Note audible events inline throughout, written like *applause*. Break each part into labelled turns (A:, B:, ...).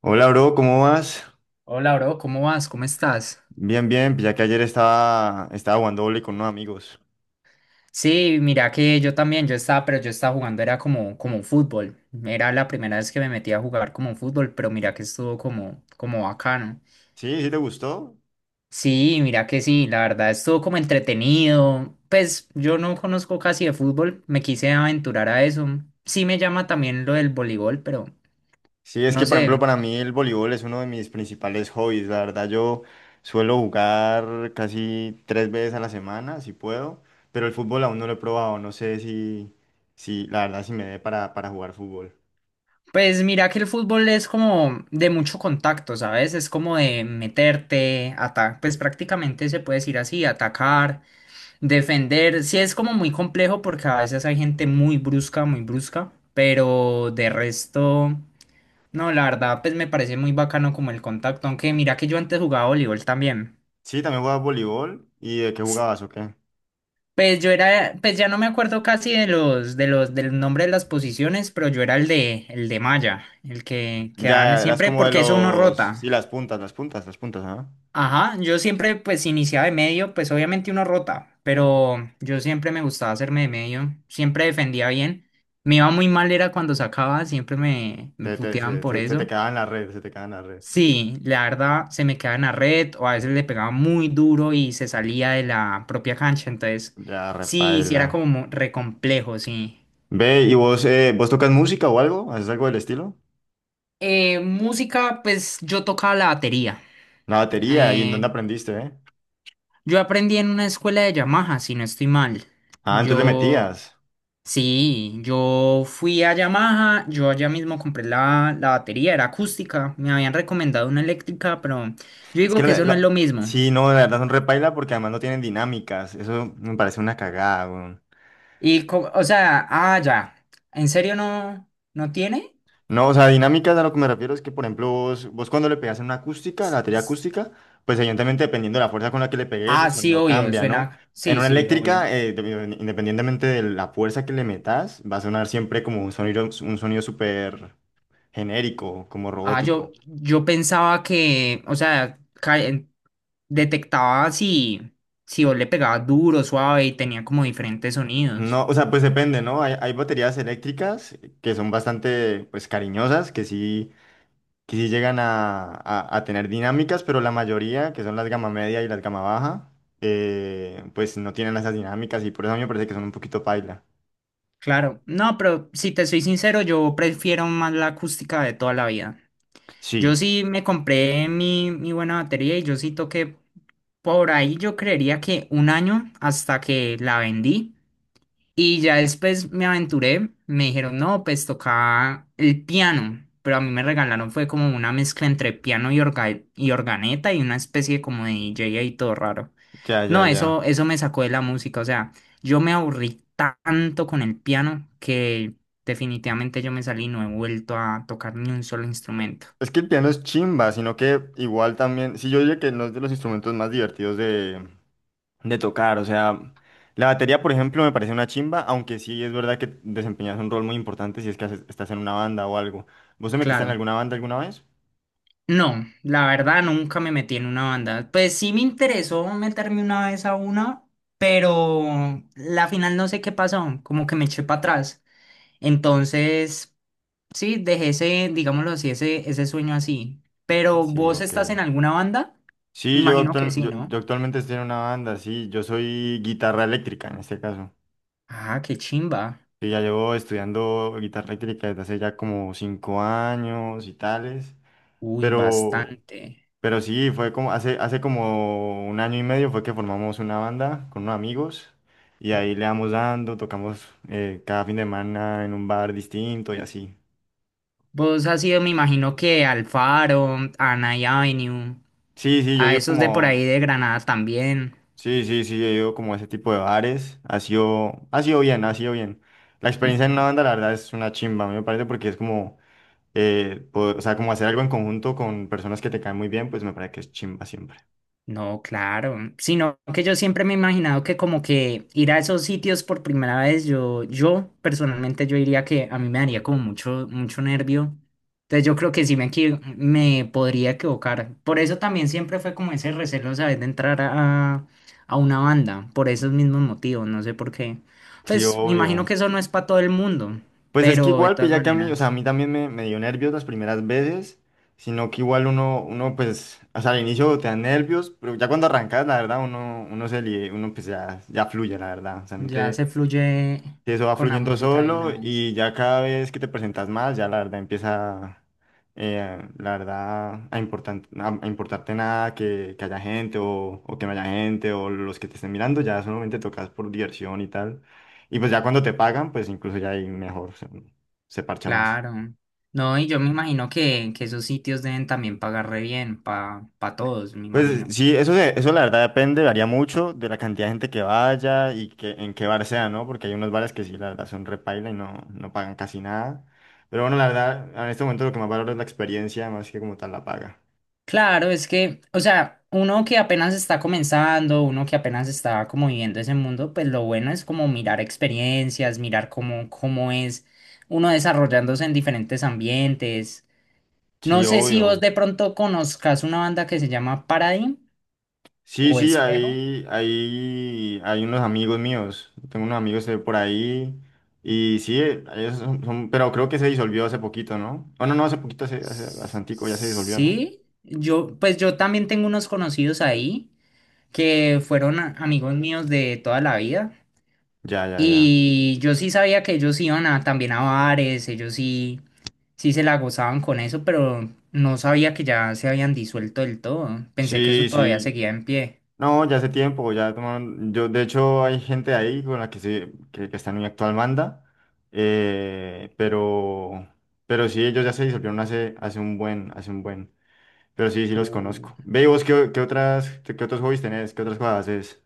A: Hola, bro, ¿cómo vas?
B: Hola, bro, ¿cómo vas? ¿Cómo estás?
A: Bien, bien, pues ya que ayer estaba jugando voleibol con unos amigos.
B: Sí, mira que yo también, yo estaba, pero yo estaba jugando, era como fútbol. Era la primera vez que me metí a jugar como fútbol, pero mira que estuvo como bacano.
A: ¿Sí? ¿Sí te gustó?
B: Sí, mira que sí, la verdad estuvo como entretenido. Pues yo no conozco casi de fútbol, me quise aventurar a eso. Sí me llama también lo del voleibol, pero
A: Sí, es
B: no
A: que, por ejemplo,
B: sé.
A: para mí el voleibol es uno de mis principales hobbies. La verdad, yo suelo jugar casi 3 veces a la semana, si puedo, pero el fútbol aún no lo he probado. No sé si, si la verdad, si me dé para jugar fútbol.
B: Pues mira que el fútbol es como de mucho contacto, ¿sabes? Es como de meterte, atacar, pues prácticamente se puede decir así, atacar. Defender, sí es como muy complejo porque a veces hay gente muy brusca, pero de resto, no, la verdad, pues me parece muy bacano como el contacto, aunque mira que yo antes jugaba voleibol también.
A: Sí, también jugabas voleibol. ¿Y de qué
B: S-
A: jugabas o qué?
B: Pues yo era, pues ya no me acuerdo casi de los, del nombre de las posiciones, pero yo era el de malla, el que quedaban
A: Ya, eras
B: siempre,
A: como de
B: porque eso uno
A: los... Sí,
B: rota.
A: las puntas, las puntas, las puntas, ¿ah?
B: Ajá, yo siempre pues iniciaba de medio, pues obviamente uno rota, pero yo siempre me gustaba hacerme de medio, siempre defendía bien. Me iba muy mal era cuando sacaba, siempre me
A: Te, te,
B: puteaban
A: se,
B: por
A: te, se te
B: eso.
A: quedaba en la red, se te quedaba en la red.
B: Sí, la verdad se me quedaba en la red o a veces le pegaba muy duro y se salía de la propia cancha, entonces
A: Ya,
B: sí, sí
A: repaila.
B: era como re complejo, sí.
A: Ve, ¿y vos, vos tocas música o algo? ¿Haces algo del estilo?
B: Música, pues yo tocaba la batería.
A: La batería, ¿y en dónde
B: Eh,
A: aprendiste,
B: yo aprendí en una escuela de Yamaha, si no estoy mal.
A: Ah, entonces le
B: Yo...
A: metías.
B: Sí, yo fui a Yamaha, yo allá mismo compré la batería, era acústica, me habían recomendado una eléctrica, pero yo
A: Es
B: digo
A: que
B: que
A: la,
B: eso no es
A: la-
B: lo mismo.
A: Sí, no, la verdad son repaila porque además no tienen dinámicas. Eso me parece una cagada, weón.
B: O sea, ah, ya, ¿en serio no tiene?
A: No, o sea, dinámicas a lo que me refiero es que, por ejemplo, vos cuando le pegas en una acústica, la
B: S-
A: batería
B: s-
A: acústica, pues evidentemente dependiendo de la fuerza con la que le pegues, el
B: Ah, sí,
A: sonido
B: obvio,
A: cambia, ¿no?
B: suena,
A: En
B: sí,
A: una
B: sí, obvio.
A: eléctrica, independientemente de la fuerza que le metas, va a sonar siempre como un sonido súper genérico, como
B: Ah,
A: robótico.
B: yo pensaba que, o sea, detectaba si vos le pegabas duro, suave y tenía como diferentes sonidos.
A: No, o sea, pues depende, ¿no? Hay baterías eléctricas que son bastante, pues, cariñosas, que sí llegan a, a tener dinámicas, pero la mayoría, que son las gama media y las gama baja, pues no tienen esas dinámicas y por eso a mí me parece que son un poquito paila.
B: Claro, no, pero si te soy sincero, yo prefiero más la acústica de toda la vida. Yo
A: Sí,
B: sí me compré mi buena batería y yo sí toqué por ahí, yo creería que un año hasta que la vendí. Y ya después me aventuré, me dijeron, no, pues tocaba el piano, pero a mí me regalaron fue como una mezcla entre piano y organeta y una especie como de DJ ahí todo raro.
A: ya, ya,
B: No, eso,
A: ya.
B: eso me sacó de la música, o sea. Yo me aburrí tanto con el piano que definitivamente yo me salí y no he vuelto a tocar ni un solo instrumento.
A: Es que el piano es chimba, sino que igual también, sí, yo diría que no es de los instrumentos más divertidos de tocar, o sea, la batería, por ejemplo, me parece una chimba, aunque sí es verdad que desempeñas un rol muy importante si es que estás en una banda o algo. ¿Vos te metiste en
B: Claro,
A: alguna banda alguna vez?
B: no, la verdad nunca me metí en una banda. Pues sí me interesó meterme una vez a una, pero la final no sé qué pasó, como que me eché para atrás. Entonces, sí, dejé ese, digámoslo así, ese sueño así. Pero
A: Sí,
B: ¿vos
A: ok.
B: estás en alguna banda? Me
A: Sí, yo,
B: imagino que
A: actual-
B: sí,
A: yo,
B: ¿no?
A: yo actualmente estoy en una banda, sí, yo soy guitarra eléctrica en este caso.
B: Ah, qué chimba.
A: Sí, ya llevo estudiando guitarra eléctrica desde hace ya como 5 años y tales,
B: Uy,
A: pero
B: bastante.
A: Pero sí, fue como hace como 1 año y medio fue que formamos una banda con unos amigos y ahí le damos dando, tocamos cada fin de semana en un bar distinto y así.
B: Vos has ido, me imagino que al Faro, a Night Avenue,
A: Sí, sí, yo he
B: a
A: ido
B: esos de por
A: como,
B: ahí de Granada también.
A: sí, sí, sí, he ido como a ese tipo de bares, ha sido bien, ha sido bien. La experiencia en una banda la verdad es una chimba, a mí me parece porque es como, o sea, como hacer algo en conjunto con personas que te caen muy bien, pues me parece que es chimba siempre.
B: No, claro, sino que yo siempre me he imaginado que como que ir a esos sitios por primera vez, yo personalmente yo diría que a mí me daría como mucho, mucho nervio. Entonces yo creo que sí me podría equivocar. Por eso también siempre fue como ese recelo, ¿sabes? De entrar a una banda, por esos mismos motivos, no sé por qué.
A: Sí,
B: Pues me imagino
A: obvio.
B: que eso no es para todo el mundo,
A: Pues es que
B: pero de
A: igual, pues
B: todas
A: ya que a mí, o sea, a
B: maneras
A: mí también me dio nervios las primeras veces, sino que igual uno pues, o sea, al inicio te da nervios, pero ya cuando arrancas, la verdad, uno, uno pues ya, ya fluye, la verdad, o sea, no
B: ya
A: te,
B: se fluye
A: y eso va
B: con la
A: fluyendo
B: música de
A: solo
B: una vez.
A: y ya cada vez que te presentas más, ya la verdad empieza, la verdad, a importarte nada que, que haya gente o que no haya gente o los que te estén mirando, ya solamente tocas por diversión y tal. Y pues ya cuando te pagan, pues incluso ya ahí mejor se, se parcha más.
B: Claro. No, y yo me imagino que esos sitios deben también pagar re bien para pa todos, me
A: Pues
B: imagino.
A: sí, eso la verdad depende, varía mucho de la cantidad de gente que vaya y que, en qué bar sea, ¿no? Porque hay unos bares que sí, la verdad, son repaila y no, no pagan casi nada. Pero bueno, la verdad, en este momento lo que más valoro es la experiencia, más que como tal la paga.
B: Claro, es que, o sea, uno que apenas está comenzando, uno que apenas está como viviendo ese mundo, pues lo bueno es como mirar experiencias, mirar cómo es uno desarrollándose en diferentes ambientes. No
A: Sí,
B: sé si vos
A: obvio.
B: de pronto conozcas una banda que se llama Paradigm
A: Sí,
B: o
A: sí,
B: Espejo.
A: ahí, ahí, hay unos amigos míos. Tengo unos amigos de por ahí. Y sí, pero creo que se disolvió hace poquito, ¿no? Oh, no, no, hace poquito, hace bastantico, ya se disolvió, ¿no?
B: Sí, yo, pues yo también tengo unos conocidos ahí, que fueron amigos míos de toda la vida.
A: Ya, ya, ya.
B: Y yo sí sabía que ellos iban también a bares, ellos sí, sí se la gozaban con eso, pero no sabía que ya se habían disuelto del todo. Pensé que eso
A: Sí,
B: todavía
A: sí.
B: seguía en pie.
A: No, ya hace tiempo, ya tomaron, yo de hecho hay gente ahí con la que que está en mi actual banda, eh, pero, pero sí, ellos ya se disolvieron hace un buen, pero sí, sí los
B: Uh.
A: conozco. Ve, ¿y vos qué, qué otros hobbies tenés, qué otras cosas haces?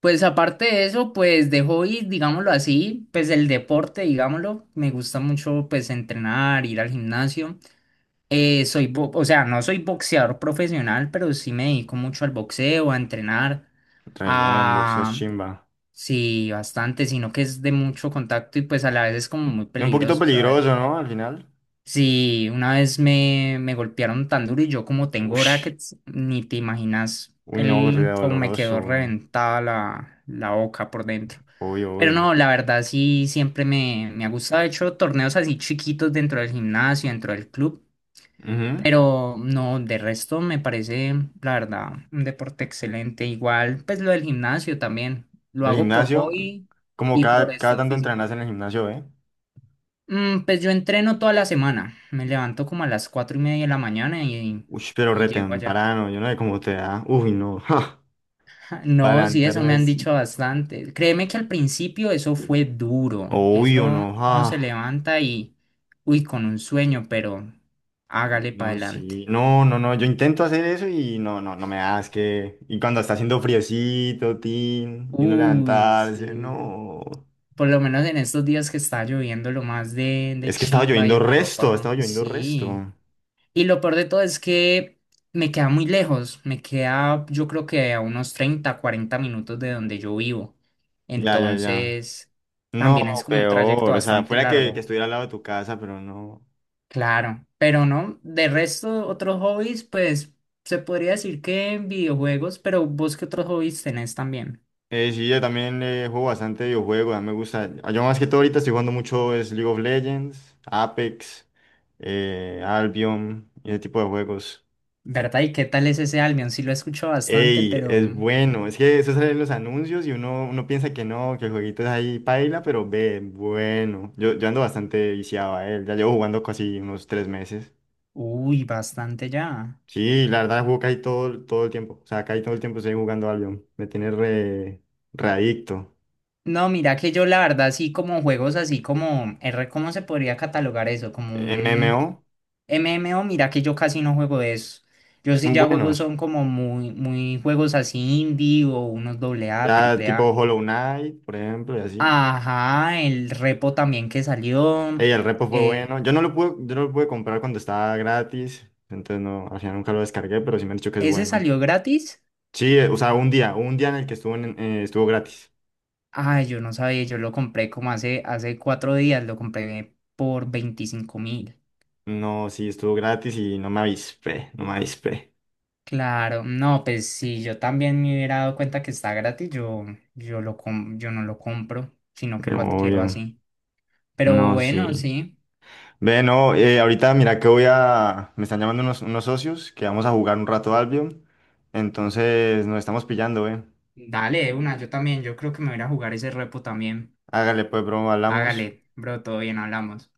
B: Pues aparte de eso, pues de hobby, digámoslo así, pues el deporte, digámoslo, me gusta mucho pues entrenar, ir al gimnasio. O sea, no soy boxeador profesional, pero sí me dedico mucho al boxeo, a entrenar,
A: Bien boxeas,
B: a,
A: chimba.
B: Sí, bastante, sino que es de mucho contacto y pues a la vez es como muy
A: Es un poquito
B: peligroso,
A: peligroso,
B: ¿sabes?
A: ¿no? Al final.
B: Sí, una vez me golpearon tan duro y yo como tengo
A: Uy,
B: brackets, ni te imaginas
A: uy, no, re
B: el como me
A: doloroso,
B: quedó
A: weón.
B: reventada la boca por dentro.
A: Obvio,
B: Pero
A: obvio.
B: no, la verdad sí, siempre me ha gustado. He hecho torneos así chiquitos dentro del gimnasio, dentro del club.
A: Ujú.
B: Pero no, de resto me parece, la verdad, un deporte excelente. Igual, pues lo del gimnasio también. Lo
A: El
B: hago por
A: gimnasio,
B: hobby
A: como
B: y por
A: cada
B: estado
A: tanto
B: físico.
A: entrenas en el gimnasio, ¿eh?
B: Mm, pues yo entreno toda la semana. Me levanto como a las 4:30 de la mañana y,
A: Uy, pero
B: y
A: re
B: llego allá.
A: temprano, yo no sé cómo te da. Uy, no, *laughs* ja,
B: *laughs*
A: para
B: No, sí, eso
A: andarme
B: me han
A: así.
B: dicho bastante. Créeme que al principio eso fue duro.
A: Obvio, no,
B: Eso uno se
A: ja.
B: levanta y, uy, con un sueño, pero hágale para
A: No,
B: adelante.
A: sí, no, no, no, yo intento hacer eso y no, no, no me da, es que... Y cuando está haciendo friecito, tin, y no
B: Uy,
A: levantarse,
B: sí.
A: no.
B: Por lo menos en estos días que está lloviendo, lo más de
A: Es que estaba
B: chimba y
A: lloviendo
B: una
A: resto,
B: ropa.
A: estaba lloviendo
B: Sí.
A: resto.
B: Y lo peor de todo es que me queda muy lejos. Me queda, yo creo que a unos 30 40 minutos de donde yo vivo.
A: Ya, ya, ya.
B: Entonces,
A: No,
B: también es como un trayecto
A: peor, o sea,
B: bastante
A: fuera que
B: largo.
A: estuviera al lado de tu casa, pero no.
B: Claro. Pero no, de resto, otros hobbies, pues se podría decir que videojuegos, pero vos qué otros hobbies tenés también.
A: Sí, yo también juego bastante videojuegos, a mí me gusta. Yo más que todo ahorita estoy jugando mucho es League of Legends, Apex, Albion, y ese tipo de juegos.
B: ¿Verdad? ¿Y qué tal es ese Albion? Sí lo escucho bastante,
A: Ey,
B: pero.
A: es bueno, es que eso sale en los anuncios y uno piensa que no, que el jueguito es ahí paila, pero ve, bueno. Yo ando bastante viciado a él, ya llevo jugando casi unos 3 meses.
B: Uy, bastante ya.
A: Sí, la verdad juego casi todo el tiempo, o sea, casi todo el tiempo estoy jugando Albion, me tiene re, re adicto.
B: No, mira que yo la verdad sí como juegos así como R, ¿cómo se podría catalogar eso? Como un
A: MMO
B: MMO, mira que yo casi no juego de eso. Yo sí
A: son
B: ya juego
A: buenos.
B: son como muy, muy juegos así indie o unos doble A,
A: Ya
B: triple
A: tipo
B: A.
A: Hollow Knight, por ejemplo, y así.
B: Ajá, el repo también que salió.
A: Ey, el repo fue
B: eh,
A: bueno. Yo no lo pude comprar cuando estaba gratis. Entonces no, al final nunca lo descargué, pero sí me han dicho que es
B: ¿Ese
A: bueno.
B: salió gratis?
A: Sí, o sea, un día en el que estuvo estuvo gratis.
B: Ay, yo no sabía, yo lo compré como hace 4 días, lo compré por 25.000.
A: No, sí, estuvo gratis y no me avispé, no me avispé.
B: Claro, no, pues si yo también me hubiera dado cuenta que está gratis, yo no lo compro, sino que lo adquiero
A: Obvio.
B: así. Pero
A: No,
B: bueno,
A: sí.
B: sí,
A: Ve, no, ahorita mira que voy a. Me están llamando unos, unos socios que vamos a jugar un rato Albion. Entonces nos estamos pillando, eh.
B: dale de una, yo también, yo creo que me voy a ir a jugar ese repo también.
A: Hágale pues, bro, hablamos.
B: Hágale, bro, todo bien, hablamos.